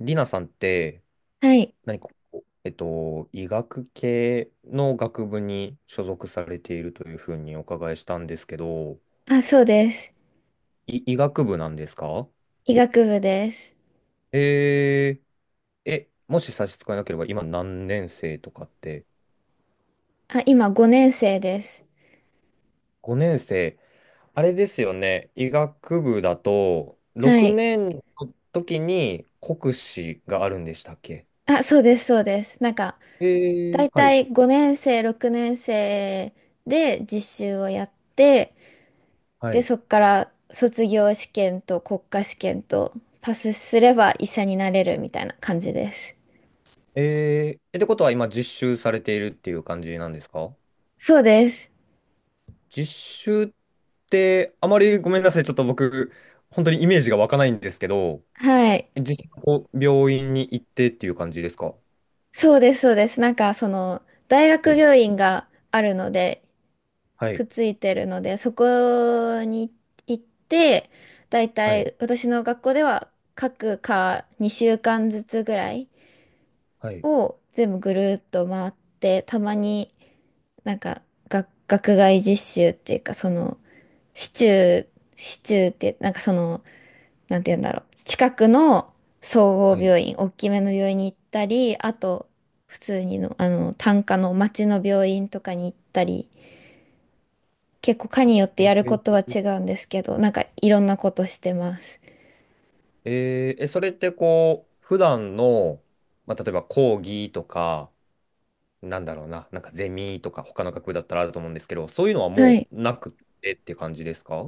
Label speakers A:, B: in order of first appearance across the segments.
A: リナさんって、
B: はい。
A: 何かこう、えっと、医学系の学部に所属されているというふうにお伺いしたんですけど、
B: あ、そうです。
A: 医学部なんですか？
B: 医学部です。
A: えもし差し支えなければ、今何年生とかって？
B: あ、今5年生です。
A: 5年生、あれですよね。医学部だと、
B: は
A: 6
B: い。
A: 年の時に国試があるんでしたっけ？
B: あ、そうです、そうです。なんか、
A: え
B: だ
A: ー、
B: い
A: は
B: た
A: い、
B: い5年生、6年生で実習をやって、
A: は
B: で、
A: い。
B: そっから卒業試験と国家試験とパスすれば医者になれるみたいな感じです。
A: えー、ってことは今実習されているっていう感じなんですか？
B: そうです。
A: 実習ってあまり、ごめんなさい、ちょっと僕、本当にイメージが湧かないんですけど、
B: はい。
A: 実際こう病院に行ってっていう感じですか？
B: そうです、そうです。なんか、大
A: は
B: 学
A: い、
B: 病院があるので、
A: は
B: く
A: い、
B: っついてるので、そこに行って、だい
A: は
B: た
A: い、
B: い私の学校では各科2週間ずつぐらい
A: はい、
B: を全部ぐるっと回って、たまになんか学外実習っていうか、市中、市中って、なんかなんて言うんだろう。近くの総
A: は
B: 合
A: い。
B: 病院、大きめの病院に行ったり、あと、普通にの、単科の町の病院とかに行ったり、結構科によって
A: え
B: やること
A: ー
B: は違うんですけど、なんかいろんなことしてます。
A: えーえそれってこう、普段の、まあ、例えば講義とか、なんだろうな、なんかゼミとか、他の学部だったらあると思うんですけど、そういうのは
B: は
A: も
B: い。
A: うなくてって感じですか？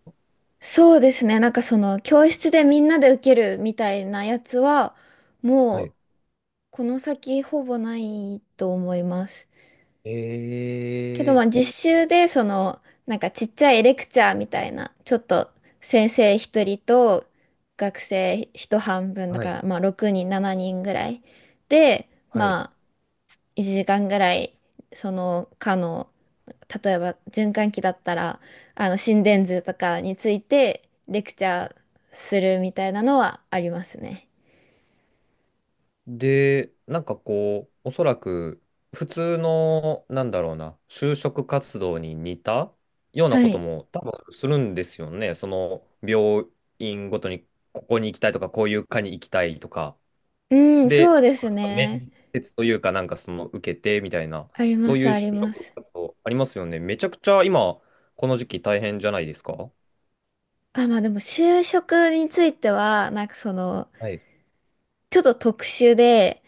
B: そうですね。なんかその教室でみんなで受けるみたいなやつは、
A: は
B: も
A: い。
B: うこの先ほぼないと思います。けどまあ
A: え
B: 実習でなんかちっちゃいレクチャーみたいな、ちょっと先生一人と学生一半分
A: ー、
B: だ
A: は
B: か
A: い、
B: らまあ6人、7人ぐらいで、
A: はい。
B: まあ1時間ぐらいその科の、例えば循環器だったらあの心電図とかについてレクチャーするみたいなのはありますね。
A: で、なんかこう、おそらく普通の、なんだろうな、就職活動に似たような
B: は
A: こと
B: い。
A: も多分するんですよね。その病院ごとにここに行きたいとか、こういう科に行きたいとか。
B: うん、そ
A: で、
B: うです
A: なんか
B: ね。
A: 面接というか、なんかその受けてみたいな、
B: ありま
A: そうい
B: す、
A: う
B: あ
A: 就
B: りま
A: 職
B: す。
A: 活動ありますよね。めちゃくちゃ今、この時期大変じゃないですか？
B: あ、まあでも就職については、なんか
A: はい。
B: ちょっと特殊で、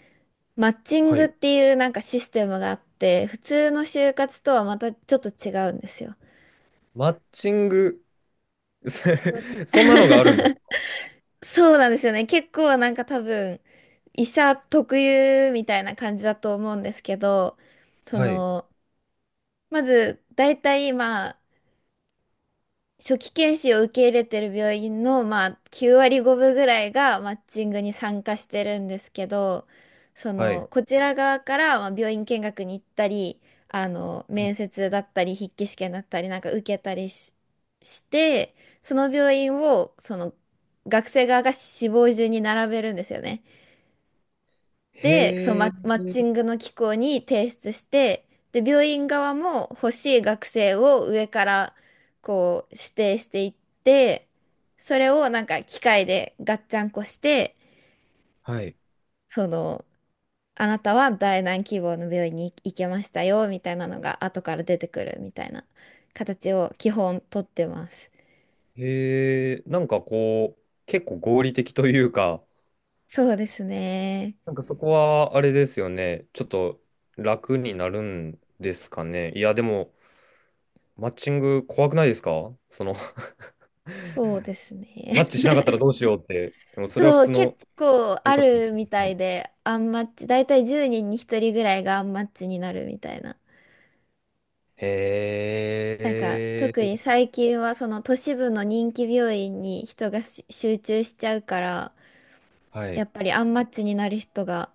B: マッチン
A: は
B: グっ
A: い。
B: ていうなんかシステムがあって、普通の就活とはまたちょっと違うんですよ。
A: マッチング、
B: うん。
A: そんなのがあるんだ。
B: そうなんですよね。結構なんか多分、医者特有みたいな感じだと思うんですけど、そ
A: はい。
B: の、まず、大体まあ、初期研修を受け入れてる病院の、まあ、9割5分ぐらいがマッチングに参加してるんですけど、
A: はい。
B: こちら側から、まあ、病院見学に行ったり、面接だったり、筆記試験だったり、なんか受けたりして、その病院を、学生側が志望順に並べるんですよね。で、そう、
A: へ
B: マ、
A: え、
B: マッチングの機構に提出して、で、病院側も欲しい学生を上からこう指定していって、それをなんか機械でガッチャンコして、
A: はい。
B: その、あなたは第何希望の病院に行けましたよ、みたいなのが後から出てくるみたいな形を基本取ってます。
A: へえ、なんかこう、結構合理的というか、
B: そうですね。
A: なんかそこはあれですよね。ちょっと楽になるんですかね。いや、でも、マッチング怖くないですか、その、
B: そうです
A: マ
B: ね。
A: ッチしなかったらどうしようって。でもそれは普
B: そう、
A: 通
B: 結
A: の
B: 構あ
A: 就活です
B: るみた
A: ね。
B: いで、アンマッチ、だいたい10人に1人ぐらいがアンマッチになるみたいな。
A: へ
B: なんか、特に
A: え、
B: 最近はその都市部の人気病院に人が集中しちゃうから、
A: は
B: や
A: い、
B: っぱりアンマッチになる人が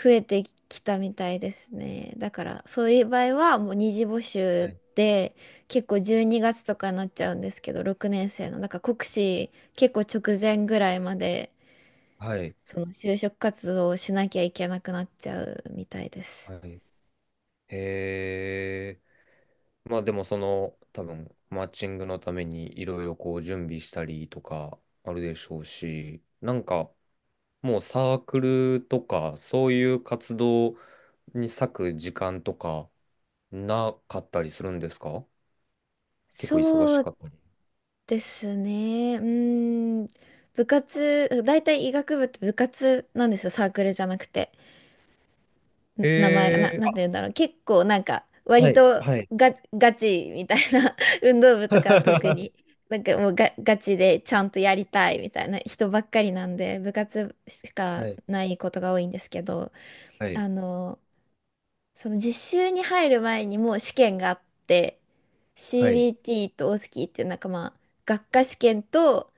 B: 増えてきたみたいですね。だから、そういう場合はもう二次募
A: は
B: 集
A: い、
B: で、結構12月とかになっちゃうんですけど、6年生の。なんか国試結構直前ぐらいまで。
A: はい。
B: その就職活動をしなきゃいけなくなっちゃうみたいです。
A: はい、へえ。まあでもその多分マッチングのためにいろいろこう準備したりとかあるでしょうし、なんかもうサークルとかそういう活動に割く時間とかなかったりするんですか？結構忙
B: そ
A: しか
B: う
A: ったり。
B: ですね。うーん。部活、大体医学部って部活なんですよ。サークルじゃなくて。
A: へ
B: 名前が、な、
A: え、
B: なんて言う
A: あ、
B: んだろう。結構なんか、
A: は
B: 割
A: い、
B: と
A: はい。
B: ガチみたいな 運動部とか特に。なんかもうガチでちゃんとやりたいみたいな人ばっかりなんで、部活しか
A: はい、
B: ないことが多いんですけど、
A: はい、
B: あの、その実習に入る前にもう試験があって、
A: はい。
B: CBT とオスキーっていうなんかまあ学科試験と、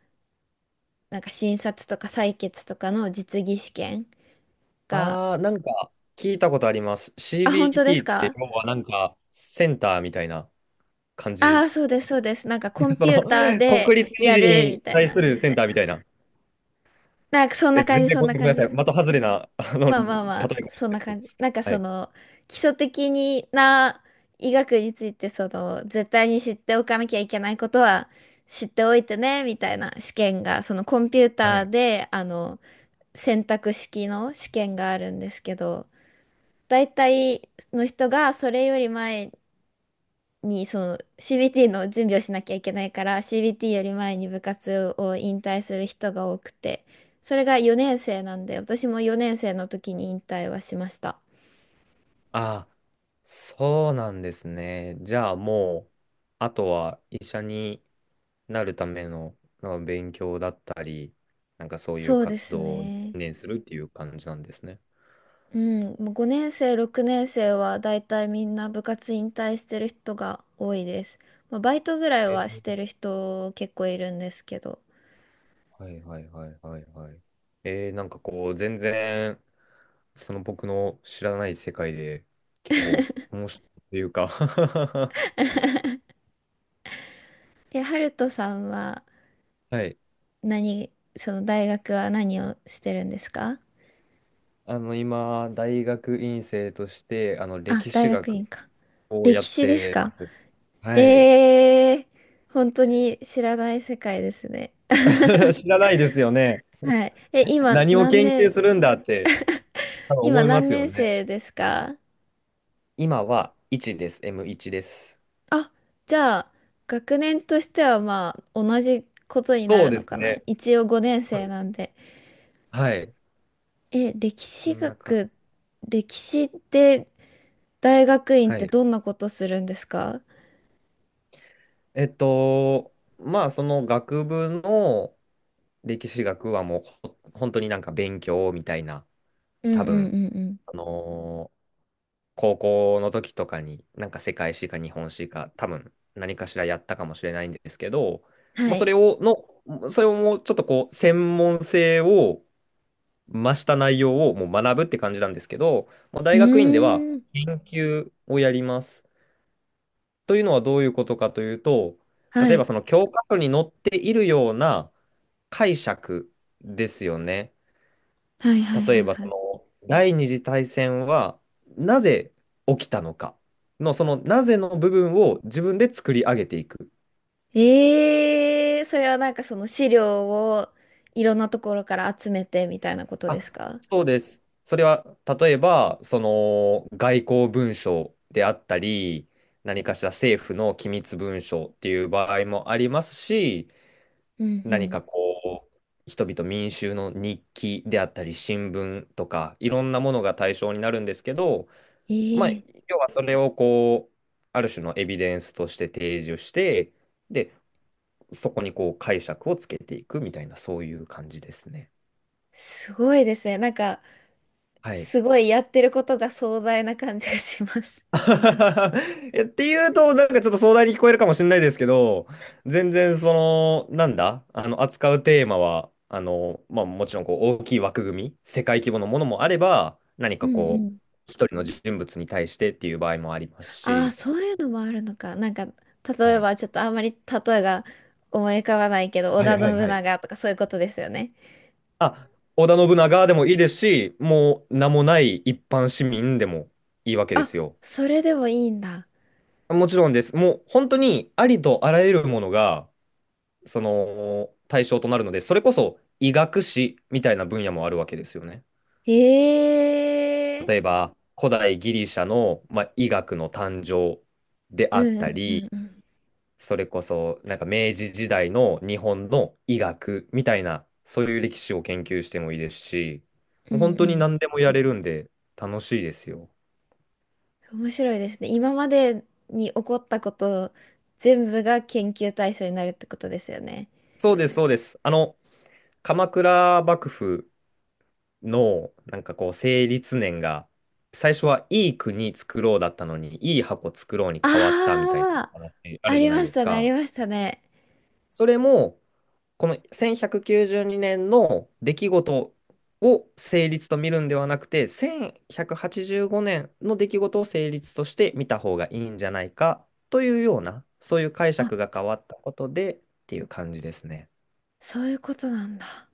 B: なんか診察とか採血とかの実技試験が。
A: ああ、なんか聞いたことあります。
B: あ、本当です
A: CBT って
B: か？
A: 要はなんかセンターみたいな感
B: ああ
A: じ。
B: ー、そうです、そうです。なんかコン
A: そ
B: ピ
A: の、
B: ューターで
A: 国立二
B: や
A: 次
B: るみ
A: に
B: たい
A: 対
B: な。
A: するセンターみたいな。
B: なんかそん
A: え、
B: な感
A: 全
B: じ、
A: 然
B: そん
A: ご
B: な
A: めん
B: 感
A: なさい。的
B: じ。
A: 外れな、あの、
B: ま
A: 例
B: あまあ
A: え
B: ま
A: かもしれ
B: あ、
A: ない
B: そん
A: で
B: な
A: すけど。
B: 感じ。なんか
A: はい。
B: 基礎的な医学について、絶対に知っておかなきゃいけないことは知っておいてね、みたいな試験が、そのコンピュー
A: は
B: ター
A: い。
B: で、選択式の試験があるんですけど、大体の人がそれより前に、CBT の準備をしなきゃいけないから、CBT より前に部活を引退する人が多くて、それが4年生なんで、私も4年生の時に引退はしました。
A: ああ、そうなんですね。じゃあもう、あとは医者になるための、の勉強だったり、なんかそういう
B: そうで
A: 活
B: す
A: 動を専
B: ね。
A: 念するっていう感じなんですね。
B: うん、もう5年生、6年生はだいたいみんな部活引退してる人が多いです。まあ、バイトぐらいはしてる
A: え、
B: 人結構いるんですけど。
A: はいはいはいはいはい。えー、なんかこう、全然、その僕の知らない世界で、結構面白いというか。
B: え、ハルトさんは
A: はい。
B: その大学は何をしてるんですか？
A: あの、今、大学院生として、あの、
B: あ、
A: 歴
B: 大
A: 史
B: 学院
A: 学
B: か。
A: をや
B: 歴
A: っ
B: 史です
A: てま
B: か？
A: す。はい。
B: ええー、本当に知らない世界ですね。
A: 知らないですよね。
B: はい。え、
A: 何を研究するんだって、多分
B: 今
A: 思いま
B: 何
A: すよ
B: 年
A: ね。
B: 生ですか？
A: 今は1です。M1 です。
B: あ、じゃあ、学年としてはまあ、同じことにな
A: そう
B: る
A: で
B: の
A: す
B: かな。
A: ね。
B: 一応5年
A: そう
B: 生
A: です。
B: なんで。
A: はい。
B: え、
A: こんなか。
B: 歴史って大学院っ
A: は
B: て
A: い。
B: どんなことするんですか？
A: えっと、まあ、その学部の歴史学はもう本当になんか勉強みたいな、
B: うん、
A: 多
B: うん、う
A: 分、
B: ん、うん。
A: あのー高校の時とかになんか世界史か日本史か多分何かしらやったかもしれないんですけど、もう
B: は
A: そ
B: い。
A: れを、の、それをもうちょっとこう、専門性を増した内容をもう学ぶって感じなんですけど、もう
B: う
A: 大学院では
B: ーん。
A: 研究をやります。というのはどういうことかというと、
B: は
A: 例えば
B: い。
A: その教科書に載っているような解釈ですよね。
B: はい、はい、
A: 例
B: は
A: え
B: い、
A: ば
B: は
A: そ
B: い。
A: の第二次大戦はなぜ起きたのかの、そのなぜの部分を自分で作り上げていく。
B: ええー、それはなんかその資料をいろんなところから集めてみたいなことです
A: あ、
B: か？
A: そうです。それは例えばその外交文書であったり、何かしら政府の機密文書っていう場合もありますし、
B: うん、う
A: 何
B: ん。
A: かこう、人々民衆の日記であったり、新聞とか、いろんなものが対象になるんですけど、
B: え
A: まあ、
B: えー、
A: 要はそれをこう、ある種のエビデンスとして提示して、で、そこにこう解釈をつけていくみたいな、そういう感じですね。
B: すごいですね。なんか、
A: はい。
B: すごいやってることが壮大な感じがします。
A: いやっていうと、なんかちょっと壮大に聞こえるかもしれないですけど、全然その、なんだ、あの、扱うテーマは、あの、まあもちろんこう大きい枠組み、世界規模のものもあれば、何
B: う
A: か
B: ん、う
A: こう、
B: ん。
A: 一人の人物に対してっていう場合もあります
B: ああ、
A: し、
B: そういうのもあるのか。なんか、例
A: は
B: え
A: い。
B: ばちょっとあんまり例えが思い浮かばないけど、織
A: は
B: 田
A: いはい
B: 信
A: はい。
B: 長とかそういうことですよね。
A: あ、織田信長でもいいですし、もう名もない一般市民でもいいわけで
B: あ、
A: すよ。
B: それでもいいんだ。
A: もちろんです。もう本当にありとあらゆるものが、その対象となるので、それこそ医学史みたいな分野もあるわけですよね。
B: へえ。
A: 例えば、古代ギリシャの、まあ、医学の誕生で
B: う
A: あっ
B: ん、う
A: た
B: ん、うん、
A: り、
B: うん。
A: それこそなんか明治時代の日本の医学みたいな、そういう歴史を研究してもいいですし、
B: う
A: もう
B: ん、
A: 本
B: う
A: 当に
B: ん。
A: 何でもやれるんで楽しいですよ。
B: 面白いですね。今までに起こったこと全部が研究対象になるってことですよね。
A: そうです、そうです。あの、鎌倉幕府の、なんかこう、成立年が、最初はいい国作ろうだったのに、いい箱作ろうに変わったみたい
B: あ
A: な話あ
B: あ、あ
A: るじゃ
B: り
A: ない
B: ま
A: で
B: し
A: す
B: たね、あり
A: か。
B: ましたね。
A: それも、この1192年の出来事を成立と見るんではなくて、1185年の出来事を成立として見た方がいいんじゃないかというような、そういう解
B: あ、
A: 釈が変わったことでっていう感じですね。
B: そういうことなんだ。